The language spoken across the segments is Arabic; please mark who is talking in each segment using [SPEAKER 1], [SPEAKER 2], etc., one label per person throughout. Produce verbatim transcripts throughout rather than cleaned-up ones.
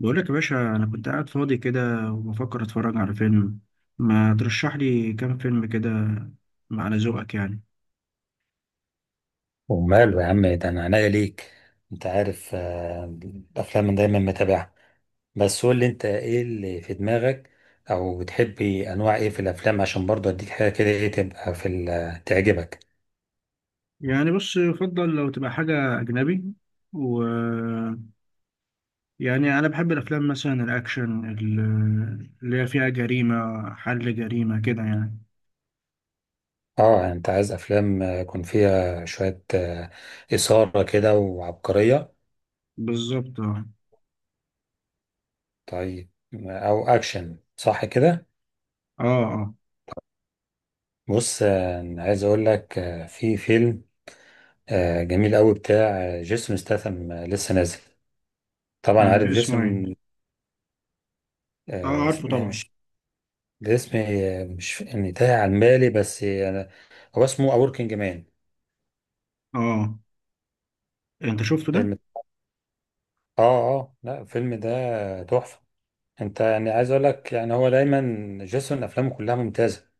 [SPEAKER 1] بقول لك يا باشا، انا كنت قاعد فاضي كده وبفكر اتفرج على فيلم. ما ترشح لي كام فيلم كده على ذوقك يعني.
[SPEAKER 2] وماله يا عم ده انا عناية ليك. انت عارف، آه، الافلام أنا دايما متابعها. بس قول لي انت ايه اللي في دماغك؟ او بتحبي انواع ايه في الافلام، عشان برضه اديك حاجه كده ايه تبقى في ال- تعجبك.
[SPEAKER 1] يعني بص، يفضل لو تبقى حاجة أجنبي و يعني أنا بحب الأفلام مثلا الأكشن ال- اللي هي فيها جريمة، حل جريمة كده يعني.
[SPEAKER 2] اه، يعني انت عايز افلام آه، يكون فيها شويه آه، اثاره كده وعبقريه؟
[SPEAKER 1] بالظبط، اه،
[SPEAKER 2] طيب، او اكشن صح كده؟
[SPEAKER 1] اه، آه.
[SPEAKER 2] بص، آه، أنا عايز اقول لك، آه، في فيلم آه، جميل قوي بتاع آه، جيسون ستاثام، آه، لسه نازل. طبعا عارف
[SPEAKER 1] آه، اسمه ايه؟
[SPEAKER 2] جيسون.
[SPEAKER 1] اه،
[SPEAKER 2] آه،
[SPEAKER 1] عارفه
[SPEAKER 2] اسمها
[SPEAKER 1] طبعا.
[SPEAKER 2] مش... الاسم آه، مش يعني تايه عن بالي، بس آه، هو اسمه A Working Man.
[SPEAKER 1] اه، انت شفته ده؟
[SPEAKER 2] فيلم. اه اه لا، الفيلم ده تحفة. انت يعني عايز اقول لك، يعني هو دايما جيسون افلامه كلها ممتازة.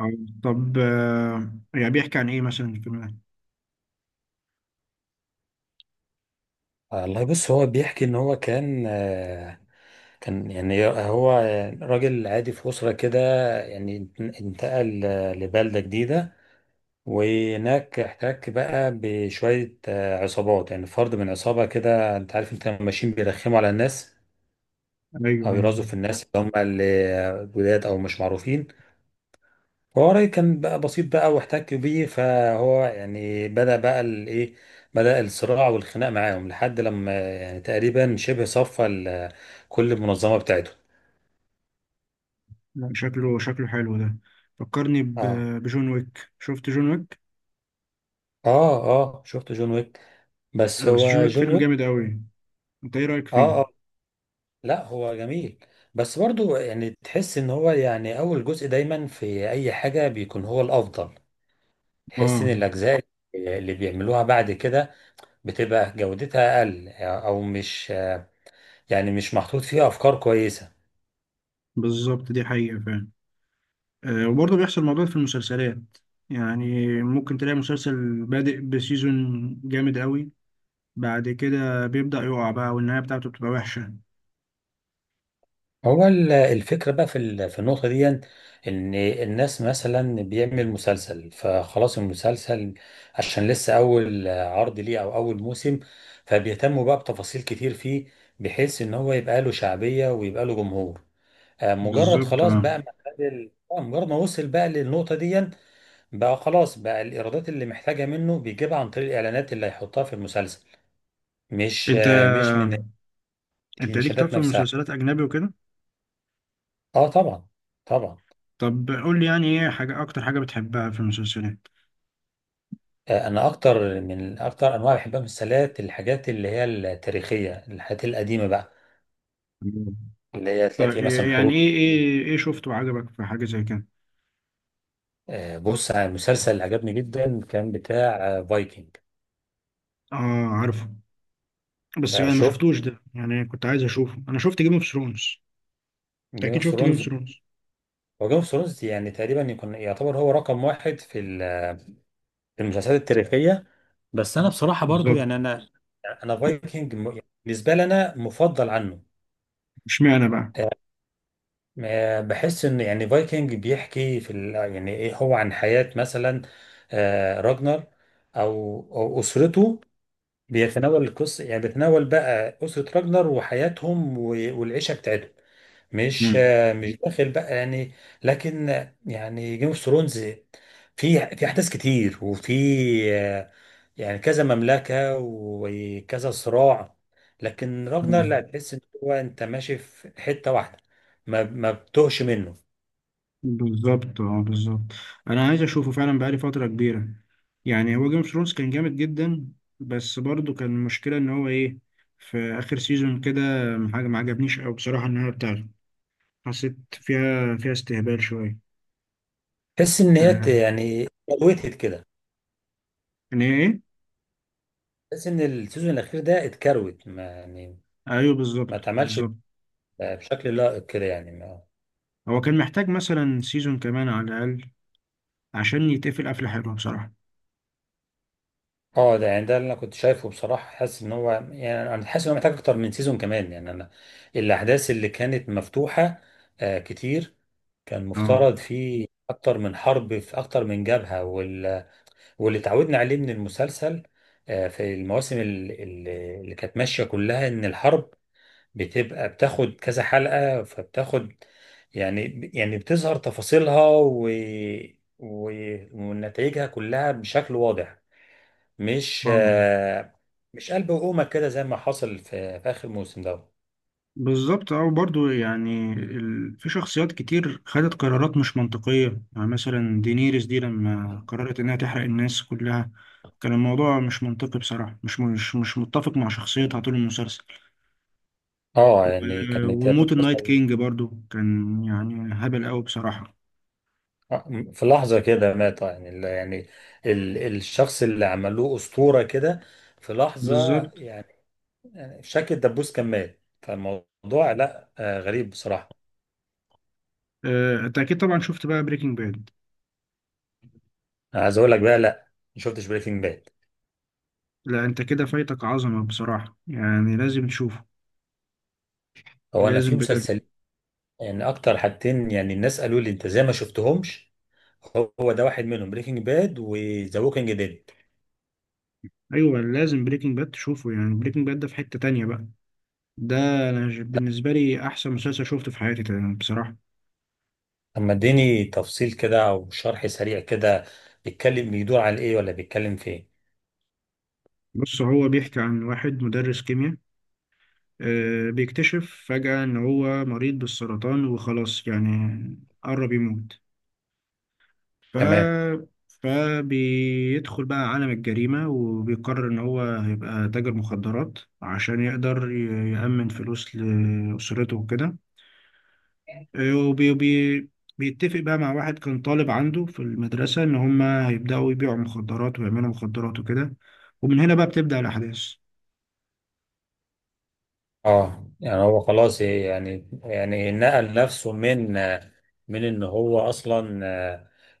[SPEAKER 1] اه، طب آه، يعني بيحكي عن ايه مثلا الفيلم ده؟
[SPEAKER 2] والله بص، هو بيحكي ان هو كان آه، كان يعني هو راجل عادي في أسرة كده. يعني انتقل آه، لبلدة جديدة، وهناك احتك بقى بشوية آه، عصابات، يعني فرد من عصابة كده. انت عارف انت لما ماشيين بيرخموا على الناس،
[SPEAKER 1] ايوه،
[SPEAKER 2] او
[SPEAKER 1] ايوه،
[SPEAKER 2] يرازوا في الناس اللي هم اللي جداد او مش معروفين. فهو رأيي كان بقى بسيط بقى، واحتك بيه، فهو يعني بدأ بقى الايه بدأ الصراع والخناق معاهم، لحد لما يعني تقريبا شبه صفى ال- كل المنظمة بتاعته.
[SPEAKER 1] لا، شكله شكله حلو ده. فكرني ب-
[SPEAKER 2] اه
[SPEAKER 1] بجون ويك. شفت جون ويك؟
[SPEAKER 2] اه اه شفت جون ويك. بس
[SPEAKER 1] آه، بس جون
[SPEAKER 2] هو
[SPEAKER 1] ويك
[SPEAKER 2] جون
[SPEAKER 1] فيلم جامد
[SPEAKER 2] ويك.
[SPEAKER 1] قوي. انت ايه رأيك فيه؟
[SPEAKER 2] اه اه لا، هو جميل. بس برضو يعني تحس ان هو يعني اول جزء دايما في اي حاجة بيكون هو الافضل. تحس ان
[SPEAKER 1] اه،
[SPEAKER 2] الاجزاء اللي بيعملوها بعد كده بتبقى جودتها اقل، او مش يعني مش محطوط فيها افكار كويسه.
[SPEAKER 1] بالظبط، دي حقيقة فعلا. آه وبرضه بيحصل الموضوع ده في المسلسلات. يعني ممكن تلاقي مسلسل بادئ بسيزون جامد قوي، بعد كده بيبدأ يقع بقى والنهاية بتاعته بتبقى وحشة.
[SPEAKER 2] هو ال- الفكره بقى في ال- في النقطه دي، ان الناس مثلا بيعمل مسلسل، فخلاص المسلسل عشان لسه اول عرض ليه او اول موسم، فبيهتموا بقى بتفاصيل كتير فيه، بحيث ان هو يبقى له شعبيه ويبقى له جمهور. آه، مجرد
[SPEAKER 1] بالظبط،
[SPEAKER 2] خلاص
[SPEAKER 1] اه.
[SPEAKER 2] بقى ما خد ال- آه، مجرد ما وصل بقى للنقطه دي، بقى خلاص بقى الايرادات اللي محتاجه منه بيجيبها عن طريق الاعلانات اللي هيحطها في المسلسل، مش
[SPEAKER 1] انت
[SPEAKER 2] مش من
[SPEAKER 1] انت ليك طب
[SPEAKER 2] المشاهدات
[SPEAKER 1] في
[SPEAKER 2] نفسها.
[SPEAKER 1] المسلسلات اجنبي وكده؟
[SPEAKER 2] اه طبعا، طبعا.
[SPEAKER 1] طب قول لي، يعني ايه حاجة، اكتر حاجة بتحبها في المسلسلات؟
[SPEAKER 2] آه، انا اكتر من اكتر انواع بحبها من السلات الحاجات اللي هي التاريخيه، الحاجات القديمه بقى، اللي هي تلاقي
[SPEAKER 1] طيب،
[SPEAKER 2] فيه مثلا
[SPEAKER 1] يعني
[SPEAKER 2] حروب.
[SPEAKER 1] ايه ايه ايه شفته عجبك في حاجة زي كده؟
[SPEAKER 2] آه، بص، على المسلسل اللي عجبني جدا كان بتاع فايكنج.
[SPEAKER 1] اه، عارفه. بس انا ما
[SPEAKER 2] شفت
[SPEAKER 1] شفتوش ده، يعني كنت عايز اشوفه. انا شفت جيم اوف ثرونز.
[SPEAKER 2] جيم
[SPEAKER 1] اكيد
[SPEAKER 2] اوف
[SPEAKER 1] شفت جيم اوف
[SPEAKER 2] ثرونز؟
[SPEAKER 1] ثرونز.
[SPEAKER 2] هو جيم اوف ثرونز يعني تقريبا يكون يعتبر هو رقم واحد في ال- في المسلسلات التاريخيه. بس انا بصراحه برضو
[SPEAKER 1] بالظبط.
[SPEAKER 2] يعني انا، انا فايكنج بالنسبه لي انا مفضل عنه.
[SPEAKER 1] اشمعنى بقى؟
[SPEAKER 2] آه، بحس ان يعني فايكنج بيحكي في ال... يعني ايه، هو عن حياة مثلا آه، راجنر او او اسرته. بيتناول القصة، يعني بيتناول بقى اسرة راجنر وحياتهم و- والعيشة بتاعتهم. مش
[SPEAKER 1] امم.
[SPEAKER 2] مش داخل بقى يعني. لكن يعني جيم اوف ثرونز في في احداث كتير، وفي آه، يعني كذا مملكه وكذا صراع. لكن راجنر لا،
[SPEAKER 1] آه،
[SPEAKER 2] تحس ان هو انت ماشي في حته واحده، ما ما بتقش منه.
[SPEAKER 1] بالظبط، اه، بالظبط. انا عايز اشوفه فعلا، بقالي فترة كبيرة. يعني هو جيم اوف ثرونز كان جامد جدا. بس برضه كان المشكلة ان هو ايه، في اخر سيزون كده حاجة ما عجبنيش قوي بصراحة. النهاية بتاعته حسيت فيها فيها استهبال شوية.
[SPEAKER 2] تحس ان هي ت-
[SPEAKER 1] آه.
[SPEAKER 2] يعني اتكروتت كده.
[SPEAKER 1] ان هي ايه.
[SPEAKER 2] تحس ان السيزون الاخير ده اتكروت، ما يعني
[SPEAKER 1] ايوه،
[SPEAKER 2] ما
[SPEAKER 1] بالظبط،
[SPEAKER 2] اتعملش
[SPEAKER 1] بالظبط.
[SPEAKER 2] بشكل لائق كده يعني.
[SPEAKER 1] هو كان محتاج مثلا سيزون كمان على الأقل عشان يتقفل قفلة حلوة بصراحة.
[SPEAKER 2] اه، ده يعني ده اللي انا كنت شايفه بصراحه، حاسس ان هو يعني انا حاسس ان هو محتاج اكتر من سيزون كمان. يعني انا، الاحداث اللي كانت مفتوحه آه كتير، كان
[SPEAKER 1] اه،
[SPEAKER 2] مفترض في اكتر من حرب، في اكتر من جبهه، وال... واللي اتعودنا عليه من المسلسل آه في المواسم ال- ال- اللي كانت ماشيه كلها، ان الحرب بتبقى بتاخد كذا حلقه، فبتاخد، يعني يعني بتظهر تفاصيلها و... و... ونتائجها كلها بشكل واضح. مش
[SPEAKER 1] اه،
[SPEAKER 2] آه، مش قلب وقومة كده زي ما حصل في, في آخر موسم ده.
[SPEAKER 1] بالظبط، اه. برضه يعني ال... في شخصيات كتير خدت قرارات مش منطقية. يعني مثلا دينيريس دي لما قررت إنها تحرق الناس كلها، كان الموضوع مش منطقي بصراحة. مش مش مش متفق مع شخصيتها طول المسلسل.
[SPEAKER 2] اه، يعني
[SPEAKER 1] و-
[SPEAKER 2] كانت هي
[SPEAKER 1] وموت النايت
[SPEAKER 2] بتنفصل.
[SPEAKER 1] كينج برضه كان يعني هبل أوي بصراحة.
[SPEAKER 2] آه، في لحظة كده مات، يعني ال- يعني ال الشخص اللي عملوه أسطورة كده في لحظة.
[SPEAKER 1] بالظبط.
[SPEAKER 2] يعني يعني شكل الدبوس كان مات، فالموضوع لا، آه، غريب بصراحة.
[SPEAKER 1] آه، أنت أكيد طبعا شفت بقى بريكنج باد؟
[SPEAKER 2] أنا عايز أقول لك بقى، لا، ما شفتش بريكنج باد.
[SPEAKER 1] لا، انت كده فايتك عظمة بصراحة، يعني لازم تشوفه.
[SPEAKER 2] هو أنا في
[SPEAKER 1] لازم بجد.
[SPEAKER 2] مسلسل، يعني أكتر حاجتين يعني الناس قالوا لي أنت زي ما شفتهمش، هو ده واحد منهم، بريكنج باد وذا ووكينج ديد.
[SPEAKER 1] ايوه، لازم بريكنج باد تشوفه، يعني بريكنج باد ده في حتة تانية بقى. ده انا ج- بالنسبة لي احسن مسلسل شوفته في حياتي تقريبا بصراحة.
[SPEAKER 2] طب، ما اديني تفصيل كده او شرح سريع كده، بيتكلم، بيدور على ايه، ولا بيتكلم في ايه؟
[SPEAKER 1] بص هو بيحكي عن واحد مدرس كيمياء، آه، بيكتشف فجأة ان هو مريض بالسرطان وخلاص يعني قرب يموت.
[SPEAKER 2] تمام.
[SPEAKER 1] ف فبيدخل بقى عالم الجريمة وبيقرر إن هو هيبقى تاجر مخدرات عشان يقدر ي- يأمن فلوس لأسرته وكده. وبي بي بيتفق بقى مع واحد كان طالب عنده في المدرسة إن هما هيبدأوا يبيعوا مخدرات ويعملوا مخدرات وكده. ومن هنا بقى بتبدأ الأحداث.
[SPEAKER 2] اه يعني هو خلاص، يعني يعني نقل نفسه من، من ان هو اصلا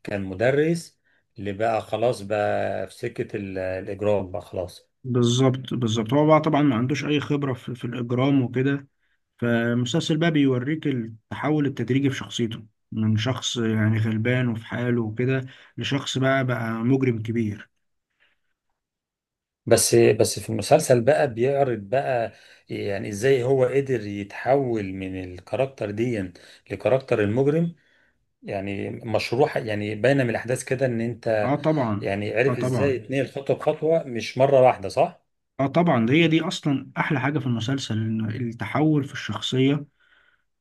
[SPEAKER 2] كان مدرس، اللي بقى خلاص بقى في سكة ال- الاجرام بقى خلاص.
[SPEAKER 1] بالظبط، بالظبط. هو بقى طبعا ما عندوش أي خبرة في, في الإجرام وكده. فالمسلسل بقى بيوريك التحول التدريجي في شخصيته، من شخص يعني غلبان وفي حاله وكده، لشخص بقى بقى مجرم كبير.
[SPEAKER 2] بس بس في المسلسل بقى بيعرض بقى يعني ازاي هو قدر يتحول من الكاركتر دي لكاركتر المجرم. يعني مشروع، يعني باينه من الاحداث كده ان
[SPEAKER 1] اه،
[SPEAKER 2] انت
[SPEAKER 1] طبعا.
[SPEAKER 2] يعني
[SPEAKER 1] اه،
[SPEAKER 2] عرف ازاي
[SPEAKER 1] طبعا.
[SPEAKER 2] تنقل خطوه بخطوه، مش مره واحده، صح؟
[SPEAKER 1] اه، طبعا. ده هي دي اصلا احلى حاجه في المسلسل، إن التحول في الشخصيه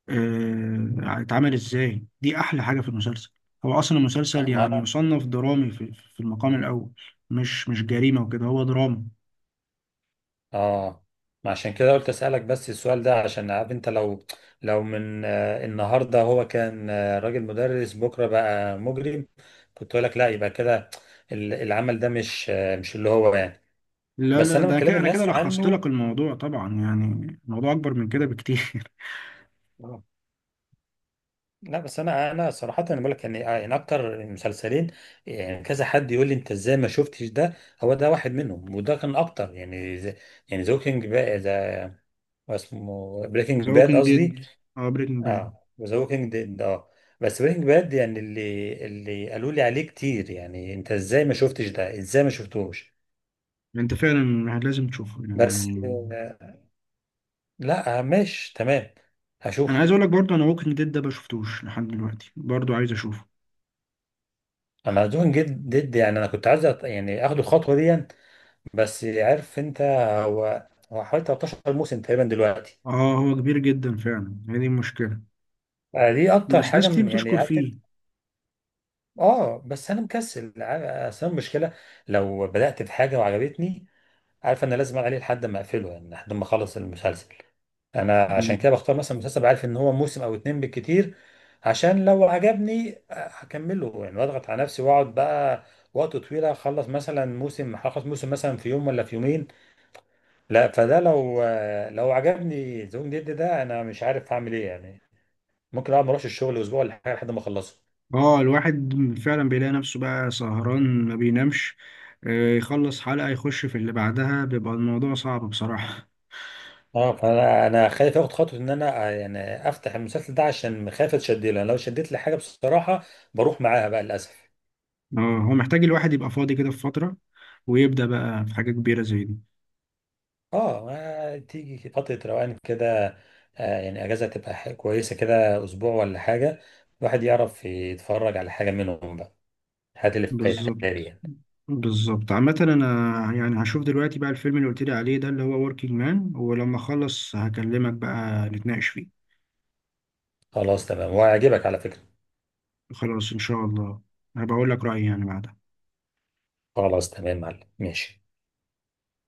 [SPEAKER 1] آه، اتعمل ازاي. دي احلى حاجه في المسلسل. هو اصلا المسلسل
[SPEAKER 2] ما
[SPEAKER 1] يعني
[SPEAKER 2] انا،
[SPEAKER 1] يصنف درامي في, في المقام الاول. مش مش جريمه وكده، هو دراما.
[SPEAKER 2] اه ما عشان كده قلت اسالك بس السؤال ده، عشان عارف انت لو، لو من آه، النهارده هو كان آه، راجل مدرس بكره بقى مجرم، كنت اقول لك لا يبقى كده ال- العمل ده، مش آه، مش اللي هو يعني.
[SPEAKER 1] لا،
[SPEAKER 2] بس
[SPEAKER 1] لا، لا،
[SPEAKER 2] انا من
[SPEAKER 1] ده
[SPEAKER 2] كلام
[SPEAKER 1] كده انا كده
[SPEAKER 2] الناس
[SPEAKER 1] لخصت
[SPEAKER 2] عنه.
[SPEAKER 1] لك الموضوع طبعا، يعني الموضوع اكبر من كده بكتير.
[SPEAKER 2] لا، بس انا، انا صراحه انا بقول لك، يعني يعني اكتر المسلسلين، يعني كذا حد يقول لي انت ازاي ما شفتش ده، هو ده واحد منهم، وده كان اكتر. يعني زي، يعني ذا ووكينج باد، ذا، اسمه بريكنج
[SPEAKER 1] ذا
[SPEAKER 2] باد
[SPEAKER 1] ووكينج
[SPEAKER 2] قصدي.
[SPEAKER 1] ديد. اه، بريكنج باد.
[SPEAKER 2] اه، ذا ووكينج ديد. اه، بس بريكنج باد، يعني اللي اللي قالوا لي عليه كتير، يعني انت ازاي ما شفتش ده، ازاي ما شفتوش.
[SPEAKER 1] انت فعلا لازم تشوفه
[SPEAKER 2] بس،
[SPEAKER 1] يعني.
[SPEAKER 2] آه، لا، آه، ماشي تمام،
[SPEAKER 1] انا
[SPEAKER 2] هشوف.
[SPEAKER 1] عايز اقول لك برضه، انا ووكينج ديد ده ما شفتوش لحد دلوقتي، برضه عايز اشوفه.
[SPEAKER 2] انا دوين جد ضد يعني، انا كنت عايز أط- يعني اخد الخطوه دي، يعني، بس عارف انت، هو هو حوالي تلتاشر موسم تقريبا دلوقتي.
[SPEAKER 1] اه، هو كبير جدا فعلا، هي دي المشكله.
[SPEAKER 2] آه، دي اكتر
[SPEAKER 1] بس
[SPEAKER 2] حاجه
[SPEAKER 1] ناس كتير
[SPEAKER 2] م- يعني
[SPEAKER 1] بتشكر
[SPEAKER 2] عارف انت-
[SPEAKER 1] فيه.
[SPEAKER 2] اه بس انا مكسل عا- اصل أنا المشكله، لو بدات في حاجه وعجبتني، عارف انا لازم عليه لحد ما اقفله، يعني لحد ما اخلص المسلسل. انا عشان كده بختار مثلا مسلسل عارف ان هو موسم او اتنين بالكتير، عشان لو عجبني آه، هكمله، يعني واضغط على نفسي واقعد بقى وقت طويل، اخلص مثلا موسم هخلص موسم مثلا في يوم ولا في يومين. لا، فده لو، لو عجبني زوم جد ده انا مش عارف اعمل ايه يعني، ممكن اقعد ما اروحش الشغل اسبوع ولا حاجه لحد ما اخلصه.
[SPEAKER 1] اه، الواحد فعلا بيلاقي نفسه بقى سهران، ما بينامش. آه، يخلص حلقة يخش في اللي بعدها بيبقى الموضوع صعب بصراحة.
[SPEAKER 2] اه، فانا، انا خايف اخد خطوه ان انا آه، يعني افتح المسلسل ده، عشان خايف اتشد له، يعني لو شدت لي حاجه بصراحه بروح معاها بقى للاسف.
[SPEAKER 1] اه، هو محتاج الواحد يبقى فاضي كده في فترة، ويبدأ بقى في حاجة كبيرة زي دي.
[SPEAKER 2] اه، آه، تيجي فتره روقان كده، آه، يعني اجازه تبقى ح- كويسه كده، اسبوع ولا حاجه، الواحد يعرف يتفرج على حاجه منهم بقى. هات اللي فايتها لي
[SPEAKER 1] بالظبط،
[SPEAKER 2] يعني.
[SPEAKER 1] بالظبط. عامة أنا، يعني هشوف دلوقتي بقى الفيلم اللي قلت لي عليه ده، اللي هو وركينج مان، ولما أخلص هكلمك بقى نتناقش فيه.
[SPEAKER 2] خلاص تمام، وهيعجبك على فكره.
[SPEAKER 1] خلاص، إن شاء الله هبقى أقول لك رأيي يعني بعدها.
[SPEAKER 2] خلاص تمام يا معلم، ماشي.